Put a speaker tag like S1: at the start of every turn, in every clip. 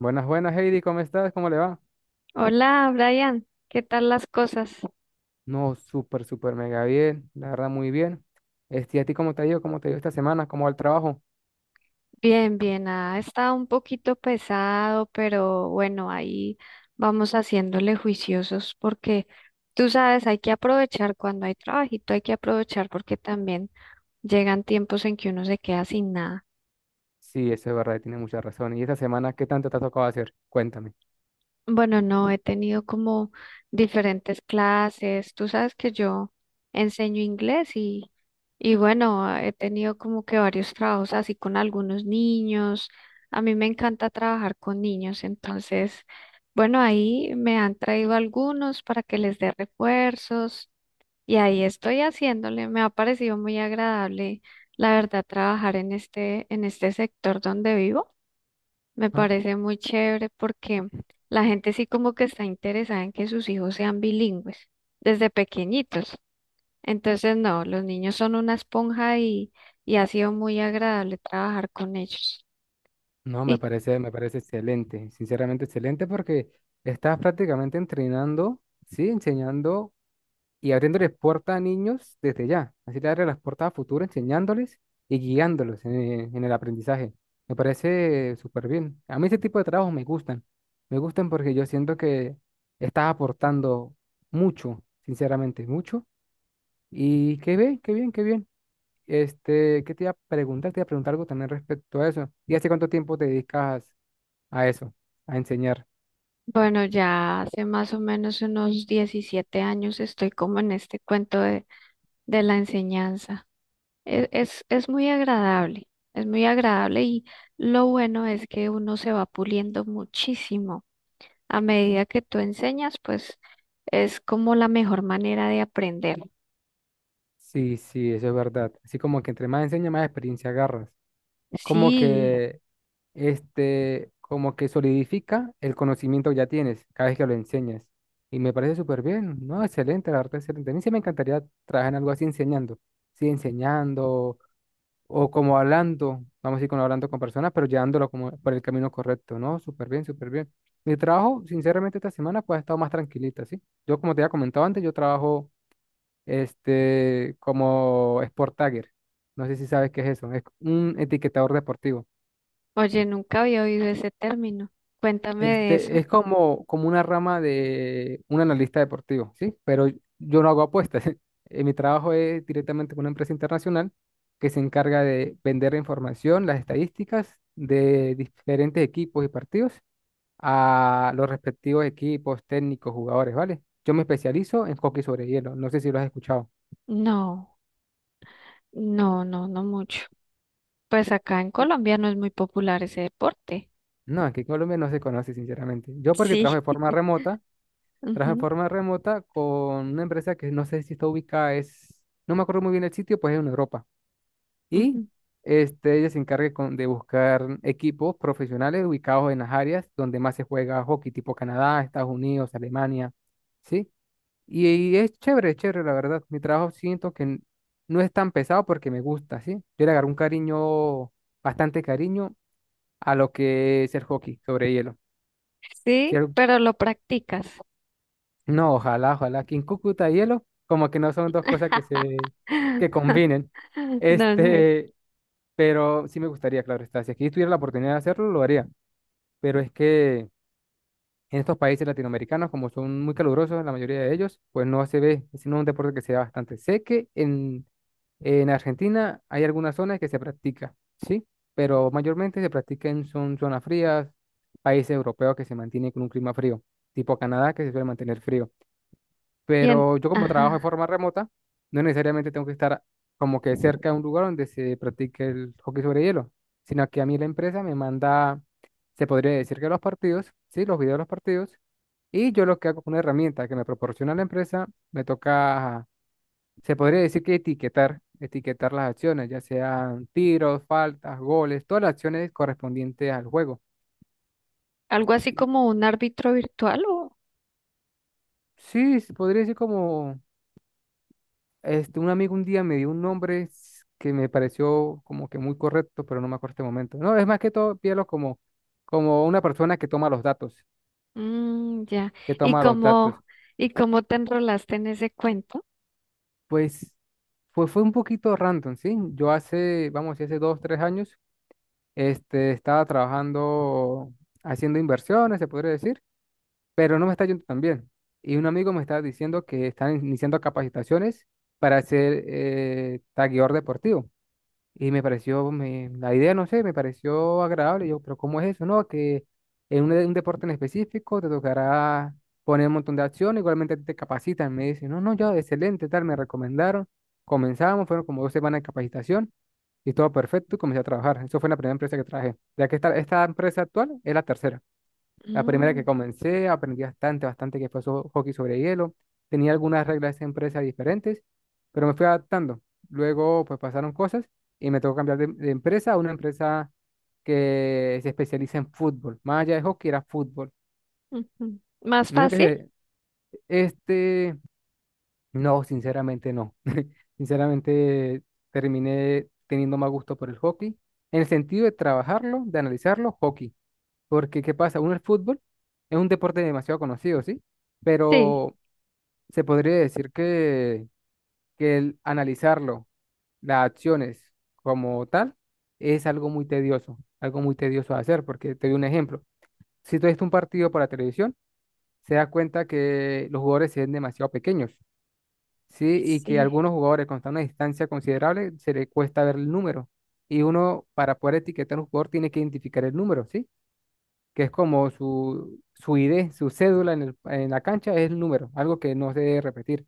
S1: Buenas, buenas, Heidi, ¿cómo estás? ¿Cómo le va?
S2: Hola, Brian, ¿qué tal las cosas?
S1: No, súper, súper, mega bien, la verdad, muy bien. ¿A ti cómo te ha ido? ¿Cómo te ha ido esta semana? ¿Cómo va el trabajo?
S2: Bien, bien, ha estado un poquito pesado, pero bueno, ahí vamos haciéndole juiciosos porque tú sabes, hay que aprovechar cuando hay trabajito, hay que aprovechar porque también llegan tiempos en que uno se queda sin nada.
S1: Sí, eso es verdad, tiene mucha razón. ¿Y esta semana qué tanto te ha tocado hacer? Cuéntame.
S2: Bueno, no, he tenido como diferentes clases. Tú sabes que yo enseño inglés y bueno, he tenido como que varios trabajos así con algunos niños. A mí me encanta trabajar con niños, entonces, bueno, ahí me han traído algunos para que les dé refuerzos y ahí estoy haciéndole. Me ha parecido muy agradable, la verdad, trabajar en este sector donde vivo. Me
S1: Ah,
S2: parece muy chévere porque la gente sí como que está interesada en que sus hijos sean bilingües desde pequeñitos. Entonces, no, los niños son una esponja y ha sido muy agradable trabajar con ellos.
S1: no, me
S2: Y
S1: parece, me parece excelente, sinceramente excelente, porque estás prácticamente entrenando, sí, enseñando y abriéndoles puertas a niños desde ya. Así le abre las puertas a futuro, enseñándoles y guiándolos en el aprendizaje. Me parece súper bien. A mí ese tipo de trabajos me gustan. Me gustan porque yo siento que estás aportando mucho, sinceramente, mucho. Y qué bien, qué bien, qué bien. ¿Qué te iba a preguntar? Te iba a preguntar algo también respecto a eso. ¿Y hace cuánto tiempo te dedicas a eso, a enseñar?
S2: bueno, ya hace más o menos unos 17 años estoy como en este cuento de la enseñanza. Es muy agradable, es muy agradable y lo bueno es que uno se va puliendo muchísimo. A medida que tú enseñas, pues es como la mejor manera de aprender.
S1: Sí, sí, eso es verdad. Así como que entre más enseñas, más experiencia agarras. como
S2: Sí,
S1: que como que solidifica el conocimiento que ya tienes cada vez que lo enseñas. Y me parece súper bien, ¿no? Excelente, la verdad, excelente. A mí sí me encantaría trabajar en algo así enseñando, sí, enseñando o como hablando, vamos a decir, como hablando con personas, pero llevándolo como por el camino correcto, ¿no? Súper bien, súper bien. Mi trabajo, sinceramente, esta semana pues ha estado más tranquilita, ¿sí? Yo, como te había comentado antes, yo trabajo como Sport Tagger. No sé si sabes qué es eso. Es un etiquetador deportivo.
S2: oye, nunca había oído ese término. Cuéntame de eso.
S1: Es como una rama de un analista deportivo, ¿sí? Pero yo no hago apuestas. Mi trabajo es directamente con una empresa internacional que se encarga de vender la información, las estadísticas de diferentes equipos y partidos a los respectivos equipos, técnicos, jugadores, ¿vale? Yo me especializo en hockey sobre hielo. No sé si lo has escuchado.
S2: No, no, no, no mucho. Pues acá en Colombia no es muy popular ese deporte.
S1: No, aquí en Colombia no se conoce, sinceramente. Yo porque
S2: Sí.
S1: trabajo de forma remota. Trabajo de
S2: Ujú,
S1: forma remota con una empresa que no sé si está ubicada, no me acuerdo muy bien el sitio, pues es en Europa. Y
S2: ujú.
S1: ella se encarga de buscar equipos profesionales ubicados en las áreas donde más se juega hockey, tipo Canadá, Estados Unidos, Alemania, ¿sí? Y es chévere, la verdad. Mi trabajo siento que no es tan pesado porque me gusta, ¿sí? Yo le agarré un cariño, bastante cariño a lo que es el hockey sobre hielo. ¿Sí?
S2: Sí, pero lo practicas.
S1: No, ojalá, ojalá. Aquí en Cúcuta y hielo, como que no son dos cosas que se que combinen.
S2: No, no.
S1: Este, pero sí me gustaría, claro está. Si aquí tuviera la oportunidad de hacerlo, lo haría. Pero es que en estos países latinoamericanos, como son muy calurosos, la mayoría de ellos, pues no se ve, sino un deporte que se da bastante. Sé que en Argentina hay algunas zonas que se practica, ¿sí? Pero mayormente se practica en son zonas frías, países europeos que se mantienen con un clima frío, tipo Canadá, que se suele mantener frío,
S2: Bien,
S1: pero yo como trabajo de
S2: ajá.
S1: forma remota, no necesariamente tengo que estar como que cerca de un lugar donde se practique el hockey sobre hielo, sino que a mí la empresa me manda, se podría decir que los partidos, sí, los videos de los partidos, y yo lo que hago con una herramienta que me proporciona la empresa, me toca, se podría decir que etiquetar las acciones, ya sean tiros, faltas, goles, todas las acciones correspondientes al juego.
S2: Algo así como un árbitro virtual o...
S1: Sí, se podría decir como. Un amigo un día me dio un nombre que me pareció como que muy correcto, pero no me acuerdo este momento. No, es más que todo, pídelo como una persona que toma los datos,
S2: Mm, ya.
S1: que
S2: ¿Y
S1: toma los datos.
S2: cómo, y cómo te enrolaste en ese cuento?
S1: Pues fue un poquito random, ¿sí? Yo hace, vamos, a decir, hace dos, tres años, estaba trabajando, haciendo inversiones, se podría decir, pero no me está yendo tan bien. Y un amigo me estaba diciendo que están iniciando capacitaciones para ser tagueador deportivo. Y me pareció, la idea, no sé, me pareció agradable. Yo, pero ¿cómo es eso, no? Que un deporte en específico te tocará poner un montón de acción, igualmente a ti te capacitan. Me dicen, no, no, yo, excelente, tal, me recomendaron. Comenzamos, fueron como dos semanas de capacitación y todo perfecto y comencé a trabajar. Eso fue la primera empresa que trabajé. Ya que esta empresa actual es la tercera. La primera que
S2: Mm,
S1: comencé, aprendí bastante, bastante que fue hockey sobre hielo. Tenía algunas reglas de empresa diferentes, pero me fui adaptando. Luego, pues pasaron cosas y me tocó cambiar de empresa a una empresa que se especializa en fútbol. Más allá de hockey, era fútbol.
S2: ujú. ¿Más
S1: Me dijo que
S2: fácil?
S1: este, no, sinceramente no. Sinceramente, terminé teniendo más gusto por el hockey. En el sentido de trabajarlo, de analizarlo, hockey. Porque, ¿qué pasa? Uno, el fútbol es un deporte demasiado conocido, ¿sí?
S2: Sí,
S1: Pero se podría decir que el analizarlo, las acciones como tal, es algo muy tedioso de hacer, porque te doy un ejemplo. Si tú ves un partido por la televisión, se da cuenta que los jugadores se ven demasiado pequeños, ¿sí? Y que
S2: sí,
S1: algunos jugadores con una distancia considerable se le cuesta ver el número. Y uno, para poder etiquetar a un jugador, tiene que identificar el número, ¿sí? Que es como su ID, su cédula en la cancha es el número, algo que no se debe repetir.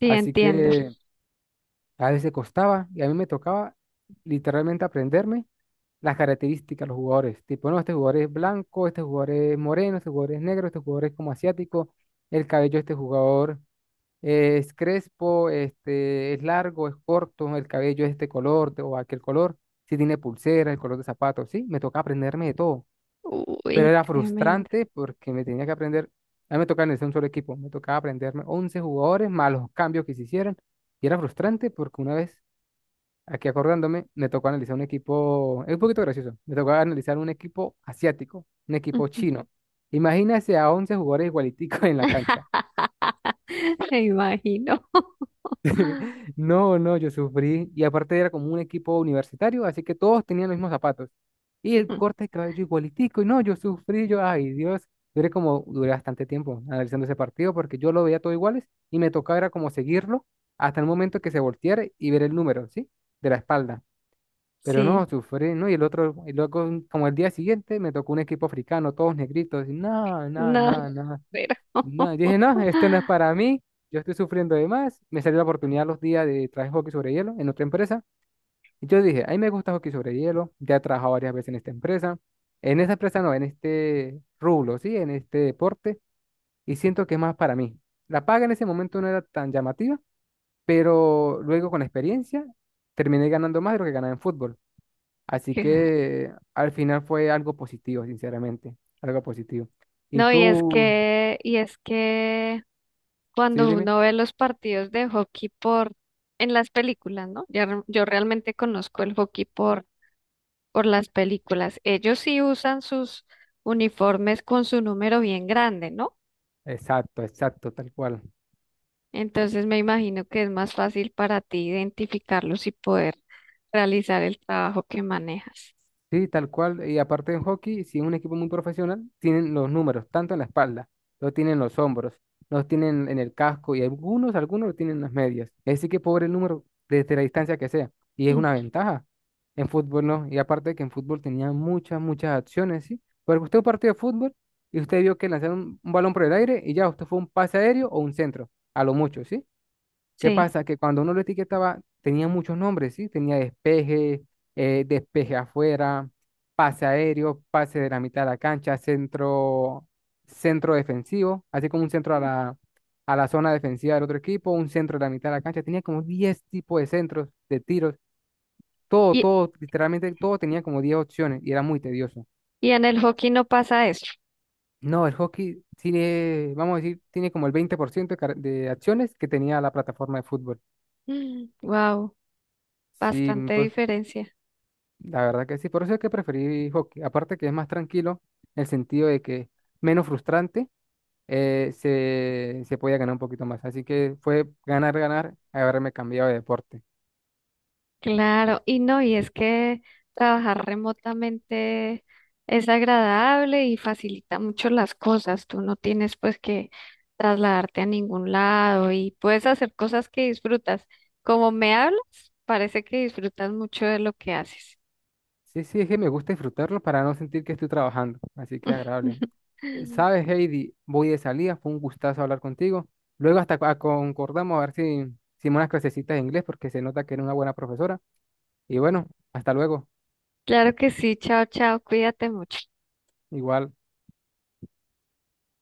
S2: sí,
S1: Así
S2: entiendo.
S1: que a veces costaba y a mí me tocaba literalmente aprenderme las características de los jugadores. Tipo, no, este jugador es blanco, este jugador es moreno, este jugador es negro, este jugador es como asiático, el cabello de este jugador es crespo, este es largo, es corto, el cabello es este color o aquel color, si tiene pulsera, el color de zapatos, sí, me tocaba aprenderme de todo, pero
S2: Uy,
S1: era
S2: tremendo.
S1: frustrante porque me tenía que aprender, a mí me tocaba en un solo equipo, me tocaba aprenderme 11 jugadores más los cambios que se hicieran, y era frustrante porque una vez, aquí acordándome, me tocó analizar un equipo, es un poquito gracioso, me tocó analizar un equipo asiático, un equipo
S2: Ujú.
S1: chino. Imagínese a 11 jugadores igualiticos en la cancha.
S2: Me imagino.
S1: No, no, yo sufrí. Y aparte era como un equipo universitario, así que todos tenían los mismos zapatos. Y el
S2: Mm,
S1: corte de cabello igualitico. Y no, yo sufrí, yo, ay Dios, duré bastante tiempo analizando ese partido porque yo lo veía todo iguales y me tocaba era como seguirlo hasta el momento que se volteara y ver el número, ¿sí? De la espalda. Pero
S2: sí,
S1: no, sufrí, ¿no? Y luego como el día siguiente me tocó un equipo africano, todos negritos. Y no, no,
S2: no,
S1: no, no.
S2: pero
S1: No, yo dije, no, esto no es para mí, yo estoy sufriendo de más. Me salió la oportunidad los días de trabajar hockey sobre hielo en otra empresa. Y yo dije, a mí me gusta hockey sobre hielo, ya he trabajado varias veces en esta empresa. En esa empresa no, en este rublo, sí, en este deporte. Y siento que es más para mí. La paga en ese momento no era tan llamativa, pero luego con la experiencia terminé ganando más de lo que ganaba en fútbol. Así
S2: qué raro.
S1: que al final fue algo positivo, sinceramente, algo positivo. ¿Y
S2: No, y es
S1: tú?
S2: que,
S1: Sí,
S2: cuando
S1: dime.
S2: uno ve los partidos de hockey por en las películas, ¿no? Ya re- yo realmente conozco el hockey por las películas. Ellos sí usan sus uniformes con su número bien grande, ¿no?
S1: Exacto, exacto, tal cual.
S2: Entonces me imagino que es más fácil para ti identificarlos y poder realizar el trabajo que manejas.
S1: Sí, tal cual. Y aparte en hockey, si es un equipo muy profesional, tienen los números, tanto en la espalda, los tienen en los hombros, los tienen en el casco y algunos lo tienen en las medias. Así que pobre el número desde la distancia que sea. Y es
S2: Mm,
S1: una ventaja. En fútbol no. Y aparte que en fútbol tenía muchas, muchas acciones, ¿sí? Porque usted un partido de fútbol y usted vio que lanzaron un balón por el aire y ya, usted fue un pase aéreo o un centro, a lo mucho, ¿sí? ¿Qué
S2: sí.
S1: pasa? Que cuando uno lo etiquetaba, tenía muchos nombres, ¿sí? Tenía despeje, despeje afuera, pase aéreo, pase de la mitad de la cancha, centro, centro defensivo, así como un centro a la, zona defensiva del otro equipo, un centro de la mitad de la cancha. Tenía como 10 tipos de centros, de tiros, todo,
S2: Y,
S1: todo, literalmente todo tenía como 10 opciones y era muy tedioso.
S2: y en el hockey no pasa eso.
S1: No, el hockey tiene, vamos a decir, tiene como el 20% de acciones que tenía la plataforma de fútbol.
S2: Wow,
S1: Sí,
S2: bastante
S1: pues,
S2: diferencia.
S1: la verdad que sí, por eso es que preferí hockey. Aparte que es más tranquilo, en el sentido de que menos frustrante, se podía ganar un poquito más. Así que fue ganar, ganar, haberme cambiado de deporte.
S2: Claro, y no, y es que trabajar remotamente es agradable y facilita mucho las cosas. Tú no tienes pues que trasladarte a ningún lado y puedes hacer cosas que disfrutas. Como me hablas, parece que disfrutas mucho de lo que haces.
S1: Sí, sí, es que me gusta disfrutarlo para no sentir que estoy trabajando. Así que agradable. Sabes, Heidi, voy de salida, fue un gustazo hablar contigo. Luego hasta concordamos a ver si, unas clasecitas de inglés, porque se nota que eres una buena profesora. Y bueno, hasta luego.
S2: Claro que sí, chao, chao, cuídate mucho.
S1: Igual.